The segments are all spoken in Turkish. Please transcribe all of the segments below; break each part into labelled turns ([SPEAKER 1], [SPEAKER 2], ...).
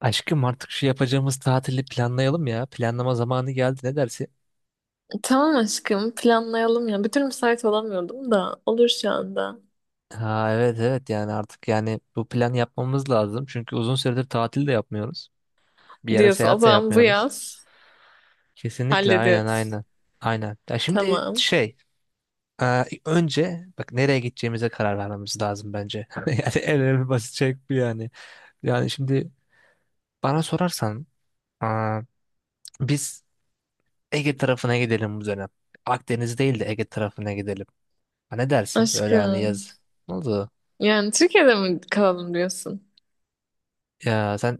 [SPEAKER 1] Aşkım, artık şu yapacağımız tatili planlayalım ya. Planlama zamanı geldi, ne dersin?
[SPEAKER 2] Tamam aşkım planlayalım ya. Bir türlü müsait olamıyordum da olur şu anda.
[SPEAKER 1] Ha, evet evet, yani artık yani bu plan yapmamız lazım. Çünkü uzun süredir tatil de yapmıyoruz. Bir yere
[SPEAKER 2] Diyorsun o
[SPEAKER 1] seyahat de
[SPEAKER 2] zaman bu
[SPEAKER 1] yapmıyoruz.
[SPEAKER 2] yaz
[SPEAKER 1] Kesinlikle, aynen
[SPEAKER 2] hallediyoruz.
[SPEAKER 1] aynen. Aynen. Ya şimdi
[SPEAKER 2] Tamam.
[SPEAKER 1] şey, önce bak nereye gideceğimize karar vermemiz lazım bence. Yani en önemli basit şey bu yani. Yani şimdi bana sorarsan, e, biz Ege tarafına gidelim bu dönem. Akdeniz değil de Ege tarafına gidelim. Ha, ne dersin? Böyle hani
[SPEAKER 2] Aşkım
[SPEAKER 1] yaz. Ne oldu?
[SPEAKER 2] yani Türkiye'de mi kalalım diyorsun?
[SPEAKER 1] Ya sen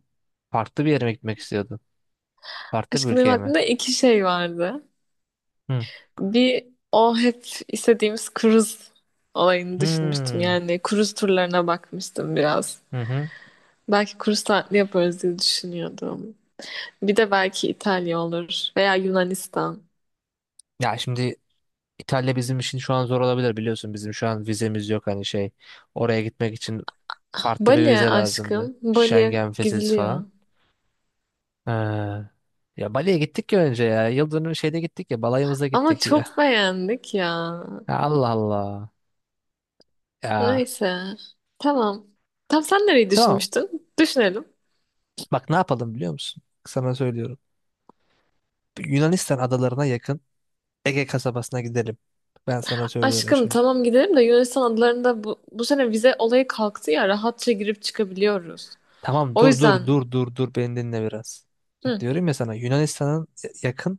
[SPEAKER 1] farklı bir yere mi gitmek istiyordun? Farklı bir
[SPEAKER 2] Aşkım benim
[SPEAKER 1] ülkeye mi?
[SPEAKER 2] aklımda iki şey vardı.
[SPEAKER 1] Hı.
[SPEAKER 2] Bir o hep istediğimiz kruz olayını düşünmüştüm.
[SPEAKER 1] Hmm.
[SPEAKER 2] Yani kruz turlarına bakmıştım biraz.
[SPEAKER 1] Hı hı.
[SPEAKER 2] Belki kruz tatili yaparız diye düşünüyordum. Bir de belki İtalya olur veya Yunanistan.
[SPEAKER 1] Ya şimdi İtalya bizim için şu an zor olabilir, biliyorsun. Bizim şu an vizemiz yok hani şey. Oraya gitmek için farklı bir
[SPEAKER 2] Bali
[SPEAKER 1] vize lazımdı.
[SPEAKER 2] aşkım. Bali'ye
[SPEAKER 1] Schengen vizesi
[SPEAKER 2] gidiliyor.
[SPEAKER 1] falan. Ee, ya Bali'ye gittik ya önce ya. Yıldönüm şeyde gittik ya. Balayımıza
[SPEAKER 2] Ama
[SPEAKER 1] gittik
[SPEAKER 2] çok
[SPEAKER 1] ya.
[SPEAKER 2] beğendik ya.
[SPEAKER 1] Ya Allah Allah. Ya
[SPEAKER 2] Neyse. Tamam. Tam sen nereyi
[SPEAKER 1] tamam.
[SPEAKER 2] düşünmüştün? Düşünelim.
[SPEAKER 1] Bak, ne yapalım biliyor musun? Sana söylüyorum. Yunanistan adalarına yakın Ege kasabasına gidelim. Ben sana söylüyorum
[SPEAKER 2] Aşkım
[SPEAKER 1] şimdi.
[SPEAKER 2] tamam gidelim de Yunanistan adalarında bu sene vize olayı kalktı ya rahatça girip çıkabiliyoruz.
[SPEAKER 1] Tamam,
[SPEAKER 2] O
[SPEAKER 1] dur
[SPEAKER 2] yüzden
[SPEAKER 1] dur dur dur dur, beni dinle biraz. Bak,
[SPEAKER 2] hı,
[SPEAKER 1] diyorum ya sana, Yunanistan'ın yakın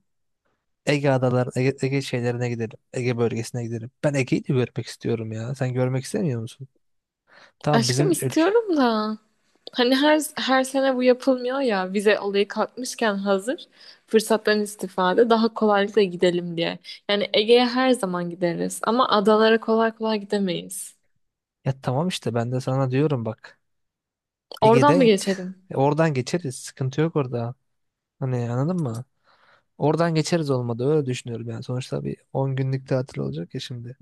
[SPEAKER 1] Ege adaları, Ege, Ege şeylerine gidelim. Ege bölgesine gidelim. Ben Ege'yi de görmek istiyorum ya. Sen görmek istemiyor musun? Tamam, bizim
[SPEAKER 2] aşkım
[SPEAKER 1] ülke.
[SPEAKER 2] istiyorum da hani her sene bu yapılmıyor ya vize olayı kalkmışken hazır fırsattan istifade daha kolaylıkla gidelim diye. Yani Ege'ye her zaman gideriz ama adalara kolay kolay gidemeyiz.
[SPEAKER 1] Ya tamam işte, ben de sana diyorum bak.
[SPEAKER 2] Oradan mı
[SPEAKER 1] Ege'de
[SPEAKER 2] geçelim?
[SPEAKER 1] oradan geçeriz. Sıkıntı yok orada. Hani, anladın mı? Oradan geçeriz olmadı. Öyle düşünüyorum yani. Sonuçta bir 10 günlük tatil olacak ya şimdi.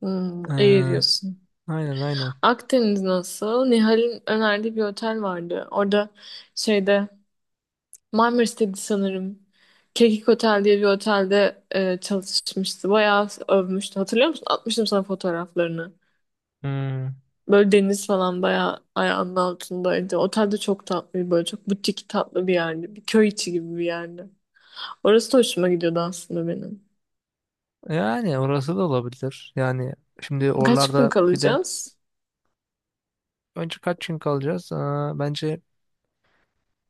[SPEAKER 2] Hmm,
[SPEAKER 1] Ee,
[SPEAKER 2] iyi diyorsun.
[SPEAKER 1] aynen aynen.
[SPEAKER 2] Akdeniz nasıl? Nihal'in önerdiği bir otel vardı. Orada şeyde Marmaris'teydi sanırım. Kekik Otel diye bir otelde çalışmıştı. Bayağı övmüştü. Hatırlıyor musun? Atmıştım sana fotoğraflarını.
[SPEAKER 1] Hmm.
[SPEAKER 2] Böyle deniz falan bayağı ayağının altındaydı. Otel de çok tatlı, böyle çok butik tatlı bir yerdi. Bir köy içi gibi bir yerdi. Orası da hoşuma gidiyordu aslında benim.
[SPEAKER 1] Yani orası da olabilir. Yani şimdi
[SPEAKER 2] Kaç gün
[SPEAKER 1] oralarda bir de
[SPEAKER 2] kalacağız?
[SPEAKER 1] önce kaç gün kalacağız? Aa, bence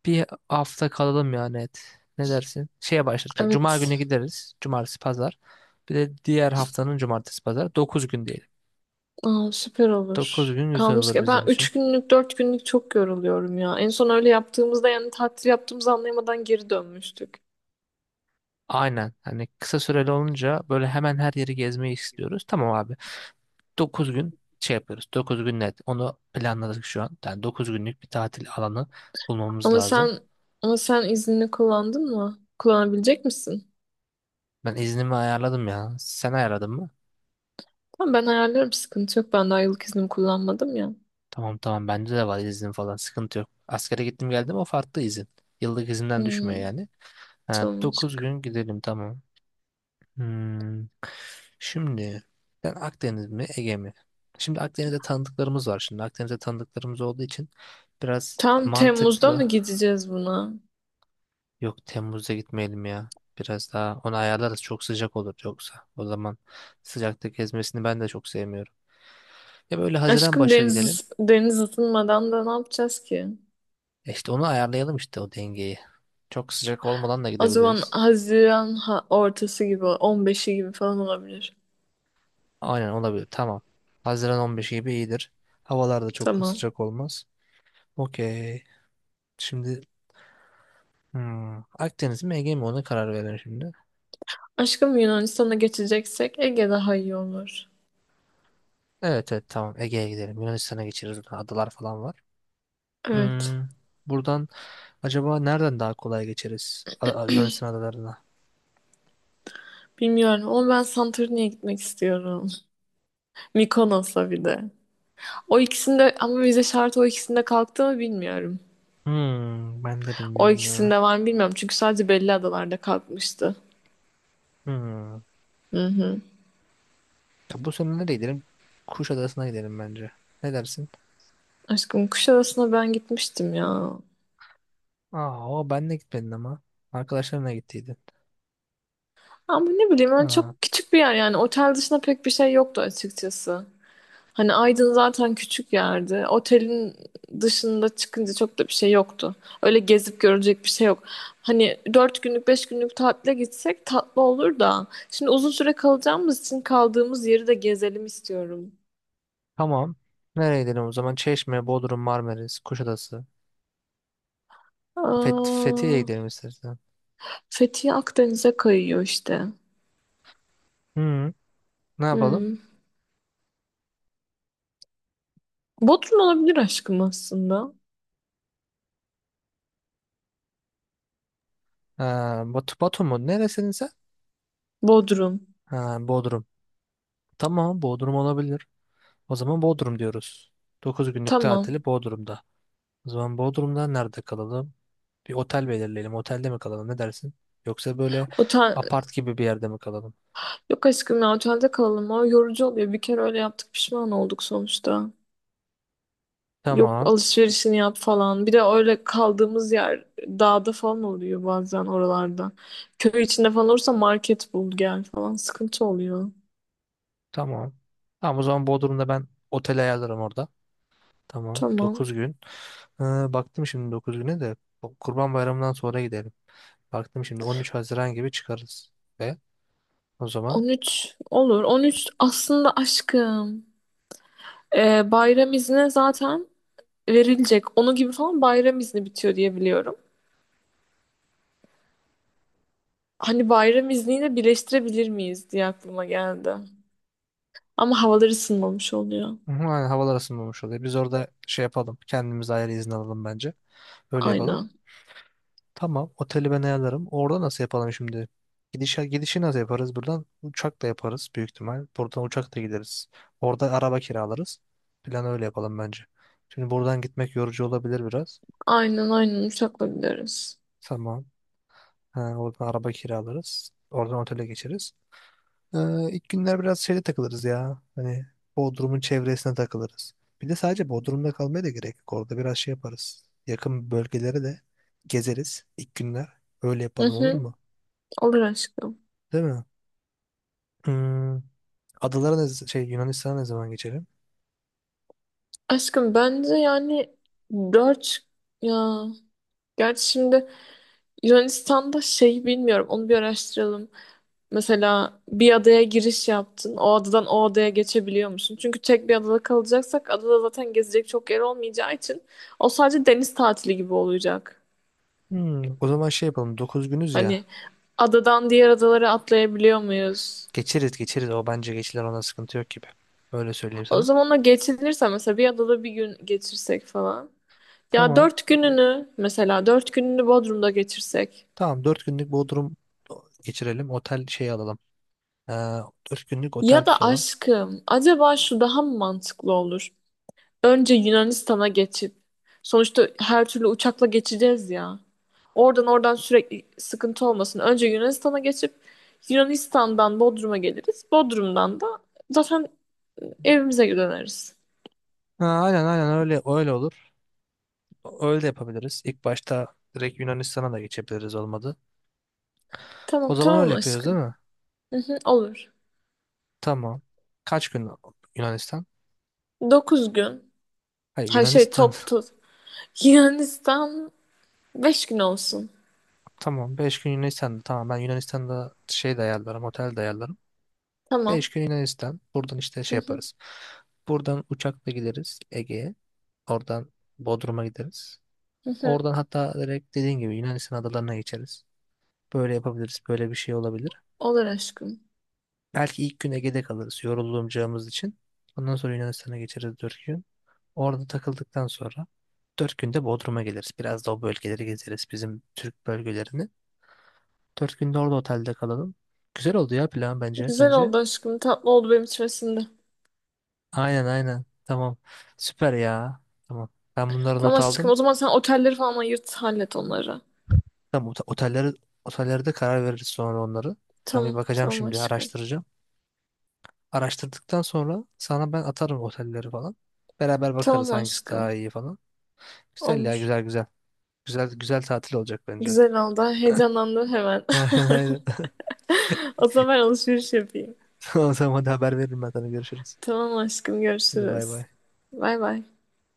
[SPEAKER 1] bir hafta kalalım yani et. Ne dersin? Şeye başlarız mesela. Cuma günü
[SPEAKER 2] Evet.
[SPEAKER 1] gideriz. Cumartesi, pazar. Bir de diğer haftanın cumartesi, pazar. 9 gün diyelim.
[SPEAKER 2] Aa, süper
[SPEAKER 1] 9
[SPEAKER 2] olur.
[SPEAKER 1] gün güzel
[SPEAKER 2] Kalmış
[SPEAKER 1] olur
[SPEAKER 2] ki ben
[SPEAKER 1] bizim için.
[SPEAKER 2] 3 günlük 4 günlük çok yoruluyorum ya. En son öyle yaptığımızda yani tatil yaptığımızı anlayamadan geri dönmüştük.
[SPEAKER 1] Aynen. Hani kısa süreli olunca böyle hemen her yeri gezmeyi istiyoruz. Tamam abi. 9 gün şey yapıyoruz. 9 gün net. Onu planladık şu an. Yani 9 günlük bir tatil alanı bulmamız
[SPEAKER 2] Ama
[SPEAKER 1] lazım.
[SPEAKER 2] sen ama sen iznini kullandın mı? Kullanabilecek misin?
[SPEAKER 1] Ben iznimi ayarladım ya. Sen ayarladın mı?
[SPEAKER 2] Tamam ben ayarlarım sıkıntı yok. Ben daha yıllık iznimi kullanmadım ya.
[SPEAKER 1] Tamam tamam, bende de var izin falan, sıkıntı yok. Askere gittim geldim, o farklı izin. Yıllık izinden düşmüyor
[SPEAKER 2] Hmm,
[SPEAKER 1] yani. Ha,
[SPEAKER 2] tamam
[SPEAKER 1] 9
[SPEAKER 2] aşkım.
[SPEAKER 1] gün gidelim tamam. Hmm. Şimdi ben, Akdeniz mi Ege mi? Şimdi Akdeniz'de tanıdıklarımız var. Şimdi Akdeniz'de tanıdıklarımız olduğu için biraz
[SPEAKER 2] Tam Temmuz'da mı
[SPEAKER 1] mantıklı.
[SPEAKER 2] gideceğiz buna?
[SPEAKER 1] Yok, Temmuz'da gitmeyelim ya. Biraz daha onu ayarlarız, çok sıcak olur yoksa. O zaman sıcakta gezmesini ben de çok sevmiyorum. Ya böyle Haziran
[SPEAKER 2] Aşkım
[SPEAKER 1] başı gidelim.
[SPEAKER 2] deniz ısınmadan da ne yapacağız ki?
[SPEAKER 1] E İşte onu ayarlayalım işte o dengeyi. Çok sıcak olmadan da
[SPEAKER 2] O zaman
[SPEAKER 1] gidebiliriz.
[SPEAKER 2] Haziran ortası gibi on beşi gibi falan olabilir.
[SPEAKER 1] Aynen, olabilir. Tamam. Haziran 15 gibi iyidir. Havalar da çok
[SPEAKER 2] Tamam.
[SPEAKER 1] sıcak olmaz. Okey. Şimdi, hmm, Akdeniz mi Ege mi, ona karar verelim şimdi.
[SPEAKER 2] Aşkım Yunanistan'a geçeceksek Ege daha iyi olur.
[SPEAKER 1] Evet evet, tamam, Ege'ye gidelim. Yunanistan'a geçeriz. Burada adalar falan var.
[SPEAKER 2] Evet.
[SPEAKER 1] Hmm, buradan acaba nereden daha kolay geçeriz? Yunanistan adalarına.
[SPEAKER 2] Bilmiyorum ama ben Santorini'ye gitmek istiyorum. Mikonos'a bir de. O ikisinde ama vize şartı o ikisinde kalktı mı bilmiyorum.
[SPEAKER 1] Hmm, ben de
[SPEAKER 2] O
[SPEAKER 1] bilmiyorum ya.
[SPEAKER 2] ikisinde var mı bilmiyorum. Çünkü sadece belli adalarda kalkmıştı.
[SPEAKER 1] Hmm. Ya bu sene nereye gidelim? Kuşadası'na gidelim bence. Ne dersin?
[SPEAKER 2] Aşkım Kuşadası'na ben gitmiştim ya.
[SPEAKER 1] Aa, o ben de gitmedin ama. Arkadaşlarınla gittiydin.
[SPEAKER 2] Ama ne bileyim ben
[SPEAKER 1] Aa,
[SPEAKER 2] çok küçük bir yer yani. Otel dışında pek bir şey yoktu açıkçası. Hani Aydın zaten küçük yerdi. Otelin dışında çıkınca çok da bir şey yoktu. Öyle gezip görecek bir şey yok. Hani dört günlük beş günlük tatile gitsek tatlı olur da. Şimdi uzun süre kalacağımız için kaldığımız yeri de gezelim istiyorum.
[SPEAKER 1] tamam. Nereye gidelim o zaman? Çeşme, Bodrum, Marmaris, Kuşadası.
[SPEAKER 2] Aa,
[SPEAKER 1] Fethiye'ye gidelim istersen.
[SPEAKER 2] Fethiye Akdeniz'e kayıyor işte.
[SPEAKER 1] Hı, ne yapalım?
[SPEAKER 2] Hmm. Bodrum olabilir aşkım aslında.
[SPEAKER 1] Ee, Batu, Batu mu? Neresin sen?
[SPEAKER 2] Bodrum.
[SPEAKER 1] Ha, Bodrum. Tamam, Bodrum olabilir. O zaman Bodrum diyoruz. 9 günlük
[SPEAKER 2] Tamam.
[SPEAKER 1] tatili Bodrum'da. O zaman Bodrum'da nerede kalalım? Bir otel belirleyelim. Otelde mi kalalım? Ne dersin? Yoksa böyle
[SPEAKER 2] Otel...
[SPEAKER 1] apart gibi bir yerde mi kalalım?
[SPEAKER 2] Yok aşkım ya otelde kalalım. O yorucu oluyor. Bir kere öyle yaptık pişman olduk sonuçta. Yok
[SPEAKER 1] Tamam.
[SPEAKER 2] alışverişini yap falan. Bir de öyle kaldığımız yer dağda falan oluyor bazen oralarda. Köy içinde falan olursa market bul gel falan sıkıntı oluyor.
[SPEAKER 1] Tamam. Tamam, o zaman Bodrum'da ben otel ayarlarım orada. Tamam,
[SPEAKER 2] Tamam.
[SPEAKER 1] 9 gün. Ee, baktım şimdi 9 güne de o Kurban Bayramı'ndan sonra gidelim. Baktım şimdi 13 Haziran gibi çıkarız. Ve o zaman,
[SPEAKER 2] 13 olur. 13 aslında aşkım. Bayram izni zaten verilecek. Onu gibi falan bayram izni bitiyor diye biliyorum. Hani bayram izniyle birleştirebilir miyiz diye aklıma geldi. Ama havalar ısınmamış oluyor.
[SPEAKER 1] hı hı, aynen, havalar ısınmamış oluyor. Biz orada şey yapalım. Kendimiz ayrı izin alalım bence. Öyle yapalım.
[SPEAKER 2] Aynen.
[SPEAKER 1] Tamam, oteli ben ayarlarım. Orada nasıl yapalım şimdi? Gidiş, gidişi nasıl yaparız? Buradan uçakla yaparız, büyük ihtimal. Buradan uçakla gideriz. Orada araba kiralarız. Plan öyle yapalım bence. Şimdi buradan gitmek yorucu olabilir biraz.
[SPEAKER 2] Aynen aynen uçakla gideriz.
[SPEAKER 1] Tamam. Ha, oradan araba kiralarız. Oradan otele geçeriz. Ee, ilk günler biraz şeyde takılırız ya. Hani Bodrum'un çevresine takılırız. Bir de sadece Bodrum'da kalmaya da gerek yok. Orada biraz şey yaparız. Yakın bölgelere de gezeriz ilk günler. Öyle
[SPEAKER 2] Hı
[SPEAKER 1] yapalım, olur
[SPEAKER 2] hı,
[SPEAKER 1] mu?
[SPEAKER 2] olur aşkım.
[SPEAKER 1] Değil mi? Hmm, adalara ne, şey Yunanistan'a ne zaman geçelim?
[SPEAKER 2] Aşkım bence yani dört ya gerçi şimdi Yunanistan'da şey bilmiyorum onu bir araştıralım. Mesela bir adaya giriş yaptın. O adadan o adaya geçebiliyor musun? Çünkü tek bir adada kalacaksak adada zaten gezecek çok yer olmayacağı için o sadece deniz tatili gibi olacak.
[SPEAKER 1] Hmm, o zaman şey yapalım. 9 günüz ya.
[SPEAKER 2] Hani adadan diğer adalara atlayabiliyor muyuz?
[SPEAKER 1] Geçeriz geçeriz. O bence geçilir, ona sıkıntı yok gibi. Öyle söyleyeyim
[SPEAKER 2] O
[SPEAKER 1] sana.
[SPEAKER 2] zaman o geçinirse mesela bir adada bir gün geçirsek falan. Ya
[SPEAKER 1] Tamam.
[SPEAKER 2] dört gününü mesela dört gününü Bodrum'da geçirsek.
[SPEAKER 1] Tamam, 4 günlük Bodrum geçirelim. Otel şey alalım. Ee, 4 günlük otel
[SPEAKER 2] Ya da
[SPEAKER 1] tutalım.
[SPEAKER 2] aşkım acaba şu daha mı mantıklı olur? Önce Yunanistan'a geçip sonuçta her türlü uçakla geçeceğiz ya. Oradan sürekli sıkıntı olmasın. Önce Yunanistan'a geçip Yunanistan'dan Bodrum'a geliriz. Bodrum'dan da zaten evimize döneriz.
[SPEAKER 1] Ha, aynen aynen, öyle öyle olur. Öyle de yapabiliriz. İlk başta direkt Yunanistan'a da geçebiliriz olmadı. O
[SPEAKER 2] Tamam
[SPEAKER 1] zaman
[SPEAKER 2] tamam
[SPEAKER 1] öyle yapıyoruz, değil
[SPEAKER 2] aşkım.
[SPEAKER 1] mi?
[SPEAKER 2] Hı hı, olur.
[SPEAKER 1] Tamam. Kaç gün Yunanistan?
[SPEAKER 2] 9 gün.
[SPEAKER 1] Hayır,
[SPEAKER 2] Hayır şey
[SPEAKER 1] Yunanistan.
[SPEAKER 2] toplu. Yunanistan 5 gün olsun.
[SPEAKER 1] Tamam, 5 gün Yunanistan'da. Tamam, ben Yunanistan'da şey de ayarlarım, otel de ayarlarım. 5
[SPEAKER 2] Tamam.
[SPEAKER 1] gün Yunanistan. Buradan işte
[SPEAKER 2] Hı
[SPEAKER 1] şey
[SPEAKER 2] hı,
[SPEAKER 1] yaparız. Buradan uçakla gideriz Ege'ye. Oradan Bodrum'a gideriz.
[SPEAKER 2] hı hı.
[SPEAKER 1] Oradan hatta direkt dediğin gibi Yunanistan adalarına geçeriz. Böyle yapabiliriz. Böyle bir şey olabilir.
[SPEAKER 2] Olur aşkım.
[SPEAKER 1] Belki ilk gün Ege'de kalırız yorulacağımız için. Ondan sonra Yunanistan'a geçeriz 4 gün. Orada takıldıktan sonra 4 günde Bodrum'a geliriz. Biraz da o bölgeleri gezeriz. Bizim Türk bölgelerini. 4 günde orada otelde kalalım. Güzel oldu ya plan, bence.
[SPEAKER 2] Güzel
[SPEAKER 1] Sence?
[SPEAKER 2] oldu aşkım. Tatlı oldu benim içime sindi.
[SPEAKER 1] Aynen aynen. Tamam. Süper ya. Tamam. Ben bunları
[SPEAKER 2] Tamam
[SPEAKER 1] not
[SPEAKER 2] aşkım.
[SPEAKER 1] aldım.
[SPEAKER 2] O zaman sen otelleri falan ayırt hallet onları.
[SPEAKER 1] Tamam, otelleri otellerde karar veririz sonra onları. Ben bir
[SPEAKER 2] Tamam.
[SPEAKER 1] bakacağım
[SPEAKER 2] Tamam
[SPEAKER 1] şimdi,
[SPEAKER 2] aşkım.
[SPEAKER 1] araştıracağım. Araştırdıktan sonra sana ben atarım otelleri falan. Beraber bakarız
[SPEAKER 2] Tamam
[SPEAKER 1] hangisi daha
[SPEAKER 2] aşkım.
[SPEAKER 1] iyi falan. Güzel ya,
[SPEAKER 2] Olur.
[SPEAKER 1] güzel güzel. Güzel güzel tatil olacak bence.
[SPEAKER 2] Güzel oldu. Heyecanlandım hemen.
[SPEAKER 1] Aynen aynen.
[SPEAKER 2] O zaman ben alışveriş yapayım.
[SPEAKER 1] Tamam tamam, hadi, haber veririm ben sana, görüşürüz.
[SPEAKER 2] Tamam aşkım.
[SPEAKER 1] Hadi, bay
[SPEAKER 2] Görüşürüz.
[SPEAKER 1] bay.
[SPEAKER 2] Bay bay.